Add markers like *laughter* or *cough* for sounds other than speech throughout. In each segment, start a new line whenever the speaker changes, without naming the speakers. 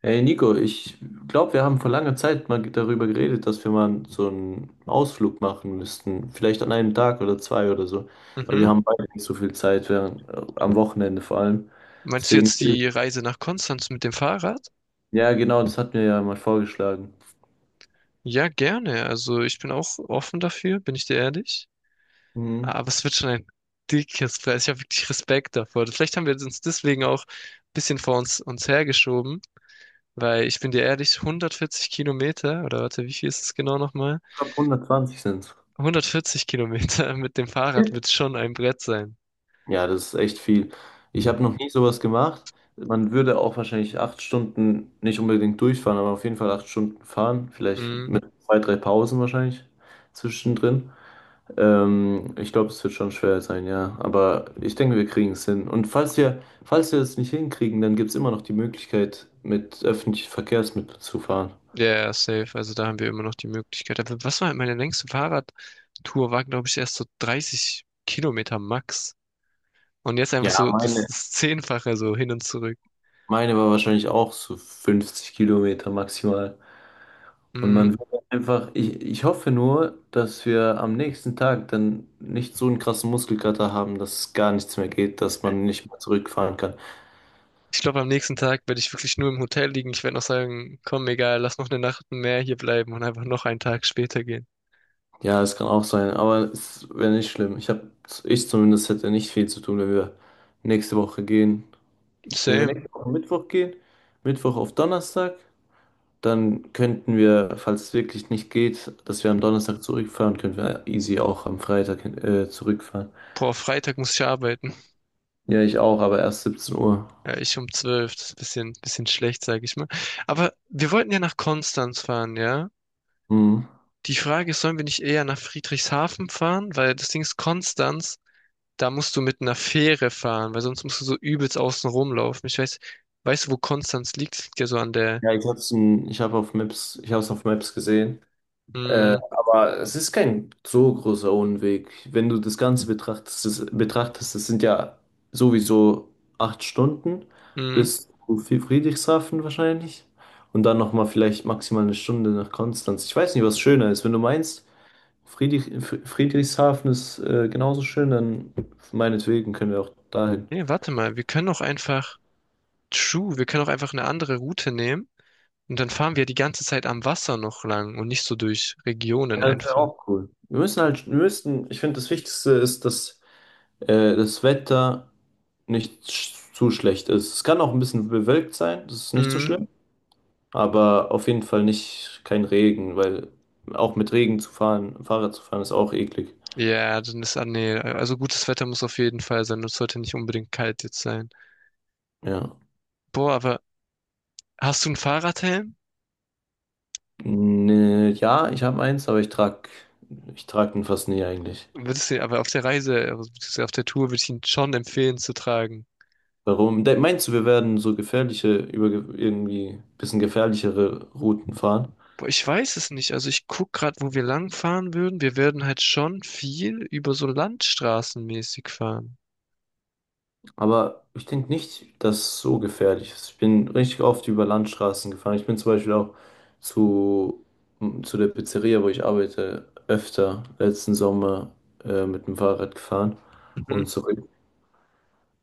Hey Nico, ich glaube, wir haben vor langer Zeit mal darüber geredet, dass wir mal so einen Ausflug machen müssten. Vielleicht an einem Tag oder zwei oder so. Weil
Mhm.
wir haben beide nicht so viel Zeit, während, am Wochenende vor allem.
Meinst du
Deswegen,
jetzt die Reise nach Konstanz mit dem Fahrrad?
ja genau, das hat mir ja mal vorgeschlagen.
Ja, gerne. Also ich bin auch offen dafür, bin ich dir ehrlich.
Mhm.
Aber es wird schon ein dickes Preis. Ich habe wirklich Respekt davor. Vielleicht haben wir uns deswegen auch ein bisschen vor uns hergeschoben, weil ich bin dir ehrlich, 140 Kilometer, oder warte, wie viel ist es genau nochmal?
Ich glaube, 120 sind es.
140 Kilometer *laughs* mit dem Fahrrad wird schon ein Brett sein.
Ja, das ist echt viel. Ich habe noch nie sowas gemacht. Man würde auch wahrscheinlich 8 Stunden nicht unbedingt durchfahren, aber auf jeden Fall 8 Stunden fahren. Vielleicht
Mhm.
mit zwei, drei Pausen wahrscheinlich zwischendrin. Ich glaube, es wird schon schwer sein, ja. Aber ich denke, wir kriegen es hin. Und falls wir es nicht hinkriegen, dann gibt es immer noch die Möglichkeit, mit öffentlichen Verkehrsmitteln zu fahren.
Ja, ja, safe. Also da haben wir immer noch die Möglichkeit. Aber was war meine längste Fahrradtour? War, glaube ich, erst so 30 Kilometer max. Und jetzt einfach
Ja,
so das, das Zehnfache so hin und zurück.
meine war wahrscheinlich auch so 50 Kilometer maximal. Und
Mhm.
man wird einfach, ich hoffe nur, dass wir am nächsten Tag dann nicht so einen krassen Muskelkater haben, dass es gar nichts mehr geht, dass man nicht mehr zurückfahren kann.
Ich glaube, am nächsten Tag werde ich wirklich nur im Hotel liegen. Ich werde noch sagen, komm, egal, lass noch eine Nacht mehr hier bleiben und einfach noch einen Tag später gehen.
Ja, es kann auch sein, aber es wäre nicht schlimm. Ich zumindest hätte nicht viel zu tun, wenn wir nächste Woche gehen. Wenn wir
Same.
nächste Woche Mittwoch gehen, Mittwoch auf Donnerstag, dann könnten wir, falls es wirklich nicht geht, dass wir am Donnerstag zurückfahren, könnten wir easy auch am Freitag zurückfahren.
Boah, Freitag muss ich arbeiten.
Ja, ich auch, aber erst 17 Uhr.
Ja, ich um zwölf, das ist ein bisschen schlecht, sage ich mal. Aber wir wollten ja nach Konstanz fahren, ja?
Mhm.
Die Frage ist, sollen wir nicht eher nach Friedrichshafen fahren? Weil das Ding ist, Konstanz, da musst du mit einer Fähre fahren, weil sonst musst du so übelst außen rumlaufen. Ich weiß, weißt du, wo Konstanz liegt? Es liegt ja so an der,
Ja, ich hab's, ich hab's auf Maps gesehen.
mm,
Aber es ist kein so großer Unweg. Wenn du das Ganze betrachtest, das sind ja sowieso 8 Stunden
mm.
bis zu Friedrichshafen wahrscheinlich. Und dann nochmal vielleicht maximal eine Stunde nach Konstanz. Ich weiß nicht, was schöner ist. Wenn du meinst, Friedrichshafen ist genauso schön, dann meinetwegen können wir auch dahin.
Nee, warte mal, wir können auch einfach, true, wir können auch einfach eine andere Route nehmen und dann fahren wir die ganze Zeit am Wasser noch lang und nicht so durch Regionen
Ja, das wäre
einfach.
auch cool. Wir müssen halt, ich finde, das Wichtigste ist, dass das Wetter nicht zu schlecht ist. Es kann auch ein bisschen bewölkt sein, das ist nicht so
Mm.
schlimm, aber auf jeden Fall nicht kein Regen, weil auch mit Regen zu fahren, Fahrrad zu fahren, ist auch eklig.
Ja, dann ist, ah, nee, also gutes Wetter muss auf jeden Fall sein und es sollte nicht unbedingt kalt jetzt sein.
Ja.
Boah, aber hast du einen Fahrradhelm?
Nee, ja, ich habe eins, aber ich trag den fast nie eigentlich.
Würdest du, aber auf der Reise, also beziehungsweise auf der Tour würde ich ihn schon empfehlen zu tragen.
Warum? De Meinst du, wir werden so über irgendwie bisschen gefährlichere Routen fahren?
Boah, ich weiß es nicht. Also ich guck gerade, wo wir lang fahren würden. Wir werden halt schon viel über so Landstraßenmäßig fahren.
Aber ich denke nicht, dass es so gefährlich ist. Ich bin richtig oft über Landstraßen gefahren. Ich bin zum Beispiel auch zu, zu der Pizzeria, wo ich arbeite, öfter letzten Sommer mit dem Fahrrad gefahren
Mhm.
und zurück.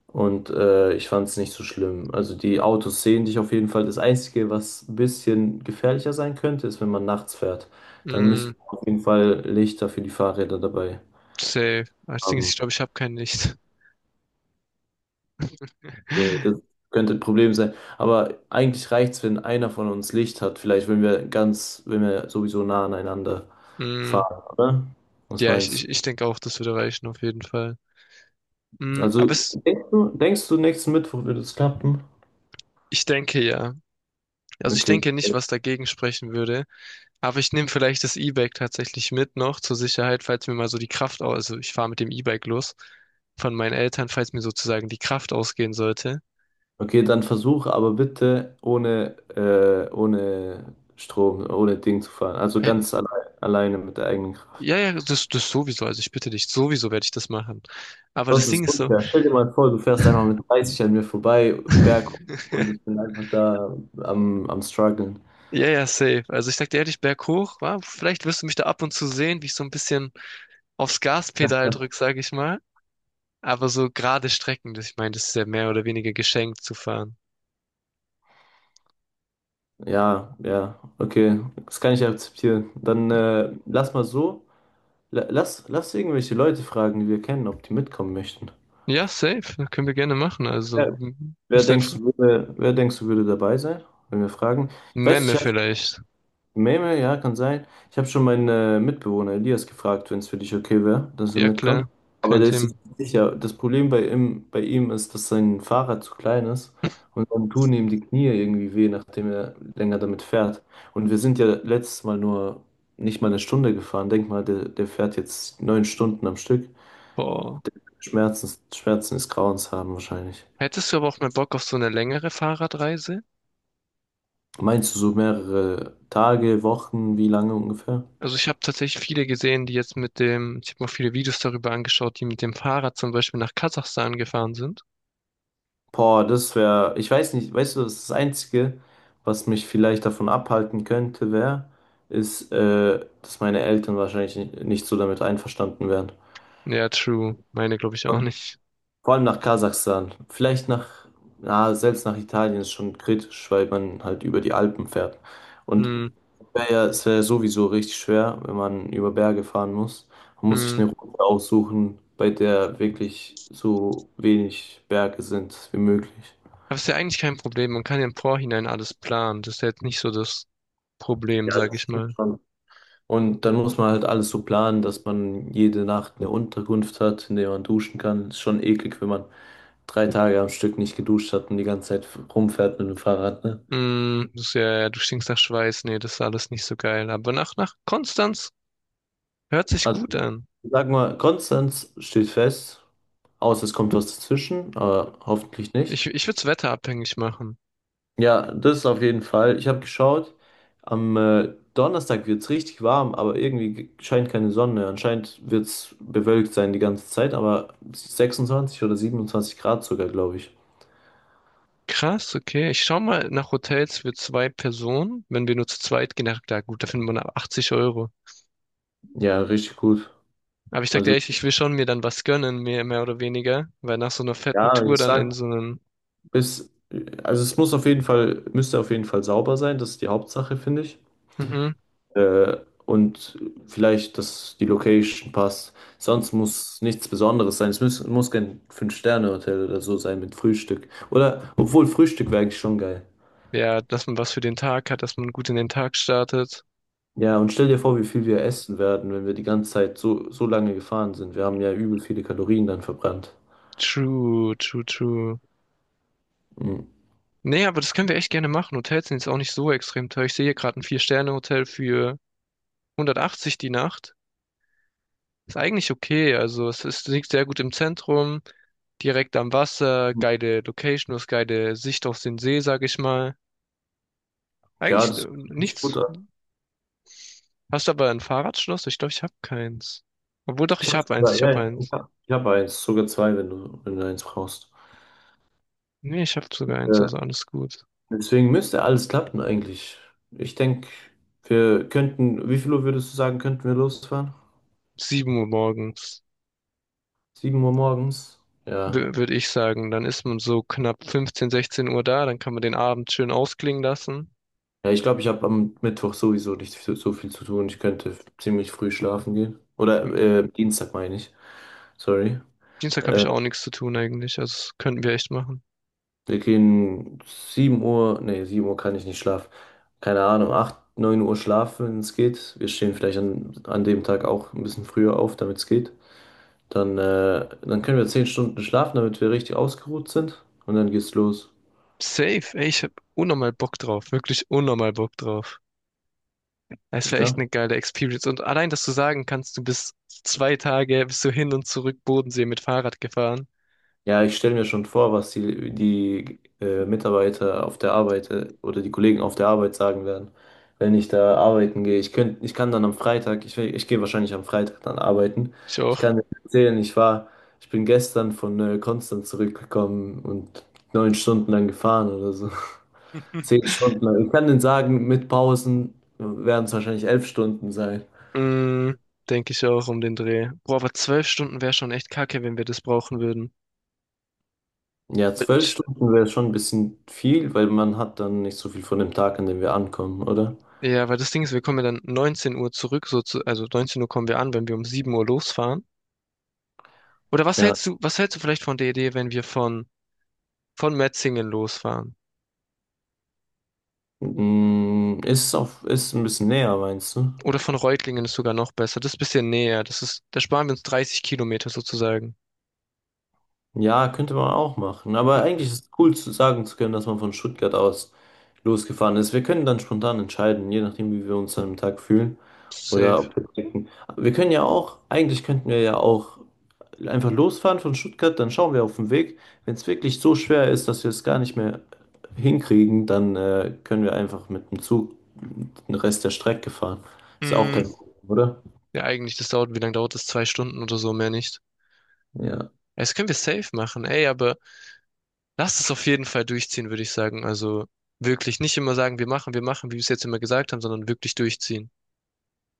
Und ich fand es nicht so schlimm. Also die Autos sehen dich auf jeden Fall. Das Einzige, was ein bisschen gefährlicher sein könnte, ist, wenn man nachts fährt. Dann
Mm,
müssten wir auf jeden Fall Lichter für die Fahrräder dabei
safe. Das Ding ist,
haben.
ich glaube, ich habe kein Licht.
Okay, das
*laughs*
könnte ein Problem sein. Aber eigentlich reicht es, wenn einer von uns Licht hat. Vielleicht, wenn wir ganz, wenn wir sowieso nah aneinander
Mm,
fahren, oder? Was
ja, ich,
meinst du?
ich, ich denke auch, das würde reichen auf jeden Fall. Mm, aber
Also,
es,
denkst du, nächsten Mittwoch wird es klappen?
ich denke ja. Also ich
Okay.
denke nicht, was dagegen sprechen würde. Aber ich nehme vielleicht das E-Bike tatsächlich mit noch zur Sicherheit, falls mir mal so die Kraft aus, also ich fahre mit dem E-Bike los von meinen Eltern, falls mir sozusagen die Kraft ausgehen sollte.
Okay, dann versuch aber bitte ohne, ohne Strom, ohne Ding zu fahren. Also
Äh,
ganz allein, alleine mit der eigenen Kraft.
ja, ja, das sowieso. Also ich bitte dich, sowieso werde ich das machen. Aber
Sonst
das
ist es
Ding ist so.
unfair. Stell dir mal vor, du fährst einfach mit 30 an mir vorbei, berg und
*laughs*
ich bin einfach da am Struggeln.
Ja, ja, safe. Also ich sag dir ehrlich, berghoch, wa? Vielleicht wirst du mich da ab und zu sehen, wie ich so ein bisschen aufs Gaspedal drück, sag ich mal. Aber so gerade Strecken, das, ich meine, das ist ja mehr oder weniger geschenkt zu fahren.
Ja, ja, okay. Das kann ich akzeptieren. Dann lass mal so. Lass irgendwelche Leute fragen, die wir kennen, ob die mitkommen möchten.
Ja, safe. Können wir gerne machen. Also,
Wer, wer
müssen halt
denkst
fr-
du würde, wer denkst du würde dabei sein, wenn wir fragen? Ich weiß,
Memme
ich
vielleicht.
Meme, ja, kann sein. Ich habe schon meinen Mitbewohner Elias gefragt, wenn es für dich okay wäre, dass er
Ja,
mitkommt.
klar.
Aber
Kein
der ist
Thema.
sich nicht sicher. Das Problem bei ihm ist, dass sein Fahrrad zu klein ist und dann tun ihm die Knie irgendwie weh, nachdem er länger damit fährt. Und wir sind ja letztes Mal nur nicht mal eine Stunde gefahren. Denk mal, der fährt jetzt 9 Stunden am Stück.
Boah.
Schmerzen, Schmerzen ist Grauenshaben wahrscheinlich.
Hättest du aber auch mal Bock auf so eine längere Fahrradreise?
Meinst du so mehrere Tage, Wochen, wie lange ungefähr?
Also ich habe tatsächlich viele gesehen, die jetzt mit dem, ich habe mir auch viele Videos darüber angeschaut, die mit dem Fahrrad zum Beispiel nach Kasachstan gefahren sind.
Boah, das wäre, ich weiß nicht, weißt du, das ist das Einzige, was mich vielleicht davon abhalten könnte, wäre, ist, dass meine Eltern wahrscheinlich nicht so damit einverstanden wären.
Ja, true. Meine glaube ich auch
Und
nicht.
vor allem nach Kasachstan. Vielleicht selbst nach Italien ist schon kritisch, weil man halt über die Alpen fährt. Und
Hm,
es wäre sowieso richtig schwer, wenn man über Berge fahren muss. Man muss sich
hm.
eine Route aussuchen, bei der wirklich so wenig Berge sind wie möglich.
Aber ist ja eigentlich kein Problem. Man kann ja im Vorhinein alles planen. Das ist ja jetzt nicht so das Problem,
Ja,
sag
das
ich
stimmt
mal.
schon. Und dann muss man halt alles so planen, dass man jede Nacht eine Unterkunft hat, in der man duschen kann. Ist schon eklig, wenn man 3 Tage am Stück nicht geduscht hat und die ganze Zeit rumfährt mit dem Fahrrad, ne?
Mm, das ist ja, ja, du stinkst nach Schweiß. Nee, das ist alles nicht so geil. Aber nach Konstanz hört sich
Also,
gut an.
sag mal, Konstanz steht fest, außer es kommt was dazwischen, aber hoffentlich nicht.
Ich würde es wetterabhängig machen.
Ja, das ist auf jeden Fall. Ich habe geschaut, am Donnerstag wird es richtig warm, aber irgendwie scheint keine Sonne. Anscheinend wird es bewölkt sein die ganze Zeit, aber 26 oder 27 Grad sogar, glaube ich.
Krass, okay. Ich schau mal nach Hotels für zwei Personen. Wenn wir nur zu zweit gehen, na klar, gut, da findet man ab 80 Euro.
Ja, richtig gut.
Aber ich sag dir
Also,
ehrlich, ich will schon mir dann was gönnen, mehr oder weniger. Weil nach so einer fetten
ja,
Tour
ich
dann in
sag,
so einem,
bis, also es muss auf jeden Fall, müsste auf jeden Fall sauber sein, das ist die Hauptsache, finde ich.
mhm,
Äh, und vielleicht, dass die Location passt. Sonst muss nichts Besonderes sein. Es muss kein Fünf-Sterne-Hotel oder so sein mit Frühstück. Oder, obwohl Frühstück wäre eigentlich schon geil.
ja, dass man was für den Tag hat, dass man gut in den Tag startet.
Ja, und stell dir vor, wie viel wir essen werden, wenn wir die ganze Zeit so lange gefahren sind. Wir haben ja übel viele Kalorien dann verbrannt.
True, true, true.
Mhm.
Nee, aber das können wir echt gerne machen. Hotels sind jetzt auch nicht so extrem teuer. Ich sehe hier gerade ein Vier-Sterne-Hotel für 180 die Nacht. Ist eigentlich okay. Also es ist, liegt sehr gut im Zentrum, direkt am Wasser, geile Location, du hast geile Sicht auf den See, sag ich mal.
Ja,
Eigentlich
das hört sich gut
nichts.
an.
Hast du aber ein Fahrradschloss? Ich glaube, ich habe keins. Obwohl doch,
Ich
ich
habe
habe eins,
sogar,
ich
ja,
habe
ja,
eins.
ich hab eins, sogar zwei, wenn du eins brauchst.
Nee, ich habe sogar eins,
Äh,
also alles gut.
Deswegen müsste alles klappen eigentlich. Ich denke, wir könnten, wie viel Uhr würdest du sagen, könnten wir losfahren?
7 Uhr morgens,
7 Uhr morgens? Ja.
würde ich sagen. Dann ist man so knapp 15, 16 Uhr da, dann kann man den Abend schön ausklingen lassen.
Ja, ich glaube, ich habe am Mittwoch sowieso nicht so viel zu tun. Ich könnte ziemlich früh schlafen gehen. Oder
Hm,
Dienstag meine ich. Sorry.
Dienstag habe
Äh,
ich auch nichts zu tun eigentlich. Also das könnten wir echt machen.
Wir gehen 7 Uhr, nee, 7 Uhr kann ich nicht schlafen. Keine Ahnung, 8, 9 Uhr schlafen, wenn es geht. Wir stehen vielleicht an dem Tag auch ein bisschen früher auf, damit es geht. Dann können wir 10 Stunden schlafen, damit wir richtig ausgeruht sind. Und dann geht's los.
Safe, ey, ich habe unnormal Bock drauf. Wirklich unnormal Bock drauf. Es wäre echt
Ja?
eine geile Experience. Und allein, dass du sagen kannst, du bist 2 Tage, bist du hin und zurück Bodensee mit Fahrrad gefahren.
Ja, ich stelle mir schon vor, was die Mitarbeiter auf der Arbeit oder die Kollegen auf der Arbeit sagen werden, wenn ich da arbeiten gehe. Ich kann dann am Freitag, ich gehe wahrscheinlich am Freitag dann arbeiten.
Ich
Ich
auch.
kann dir erzählen, ich bin gestern von Konstanz zurückgekommen und 9 Stunden lang gefahren oder so. *laughs* 10 Stunden lang. Ich kann denen sagen, mit Pausen werden es wahrscheinlich 11 Stunden sein.
Mm, Denke ich auch um den Dreh. Boah, aber 12 Stunden wäre schon echt kacke, wenn wir das brauchen würden.
Ja,
Weil
zwölf
ich-
Stunden wäre schon ein bisschen viel, weil man hat dann nicht so viel von dem Tag, an dem wir ankommen, oder?
Ja, weil das Ding ist, wir kommen ja dann 19 Uhr zurück, so zu, also 19 Uhr kommen wir an, wenn wir um 7 Uhr losfahren. Oder
Ja.
was hältst du vielleicht von der Idee, wenn wir von Metzingen losfahren.
Mm, ist ein bisschen näher, meinst du?
Oder von Reutlingen ist sogar noch besser. Das ist ein bisschen näher. Das ist, da sparen wir uns 30 Kilometer sozusagen.
Ja, könnte man auch machen. Aber
Und
eigentlich ist es cool zu sagen zu können, dass man von Stuttgart aus losgefahren ist. Wir können dann spontan entscheiden, je nachdem, wie wir uns an dem Tag fühlen. Oder
safe.
ob wir denken. Wir können ja auch, eigentlich könnten wir ja auch einfach losfahren von Stuttgart, dann schauen wir auf den Weg. Wenn es wirklich so schwer ist, dass wir es gar nicht mehr hinkriegen, dann können wir einfach mit dem Zug den Rest der Strecke fahren. Ist auch
Mm,
kein Problem, oder?
ja, eigentlich, das dauert, wie lange dauert das? 2 Stunden oder so, mehr nicht.
Ja.
Ja, das können wir safe machen, ey, aber lass es auf jeden Fall durchziehen, würde ich sagen. Also wirklich nicht immer sagen, wir machen, wie wir es jetzt immer gesagt haben, sondern wirklich durchziehen.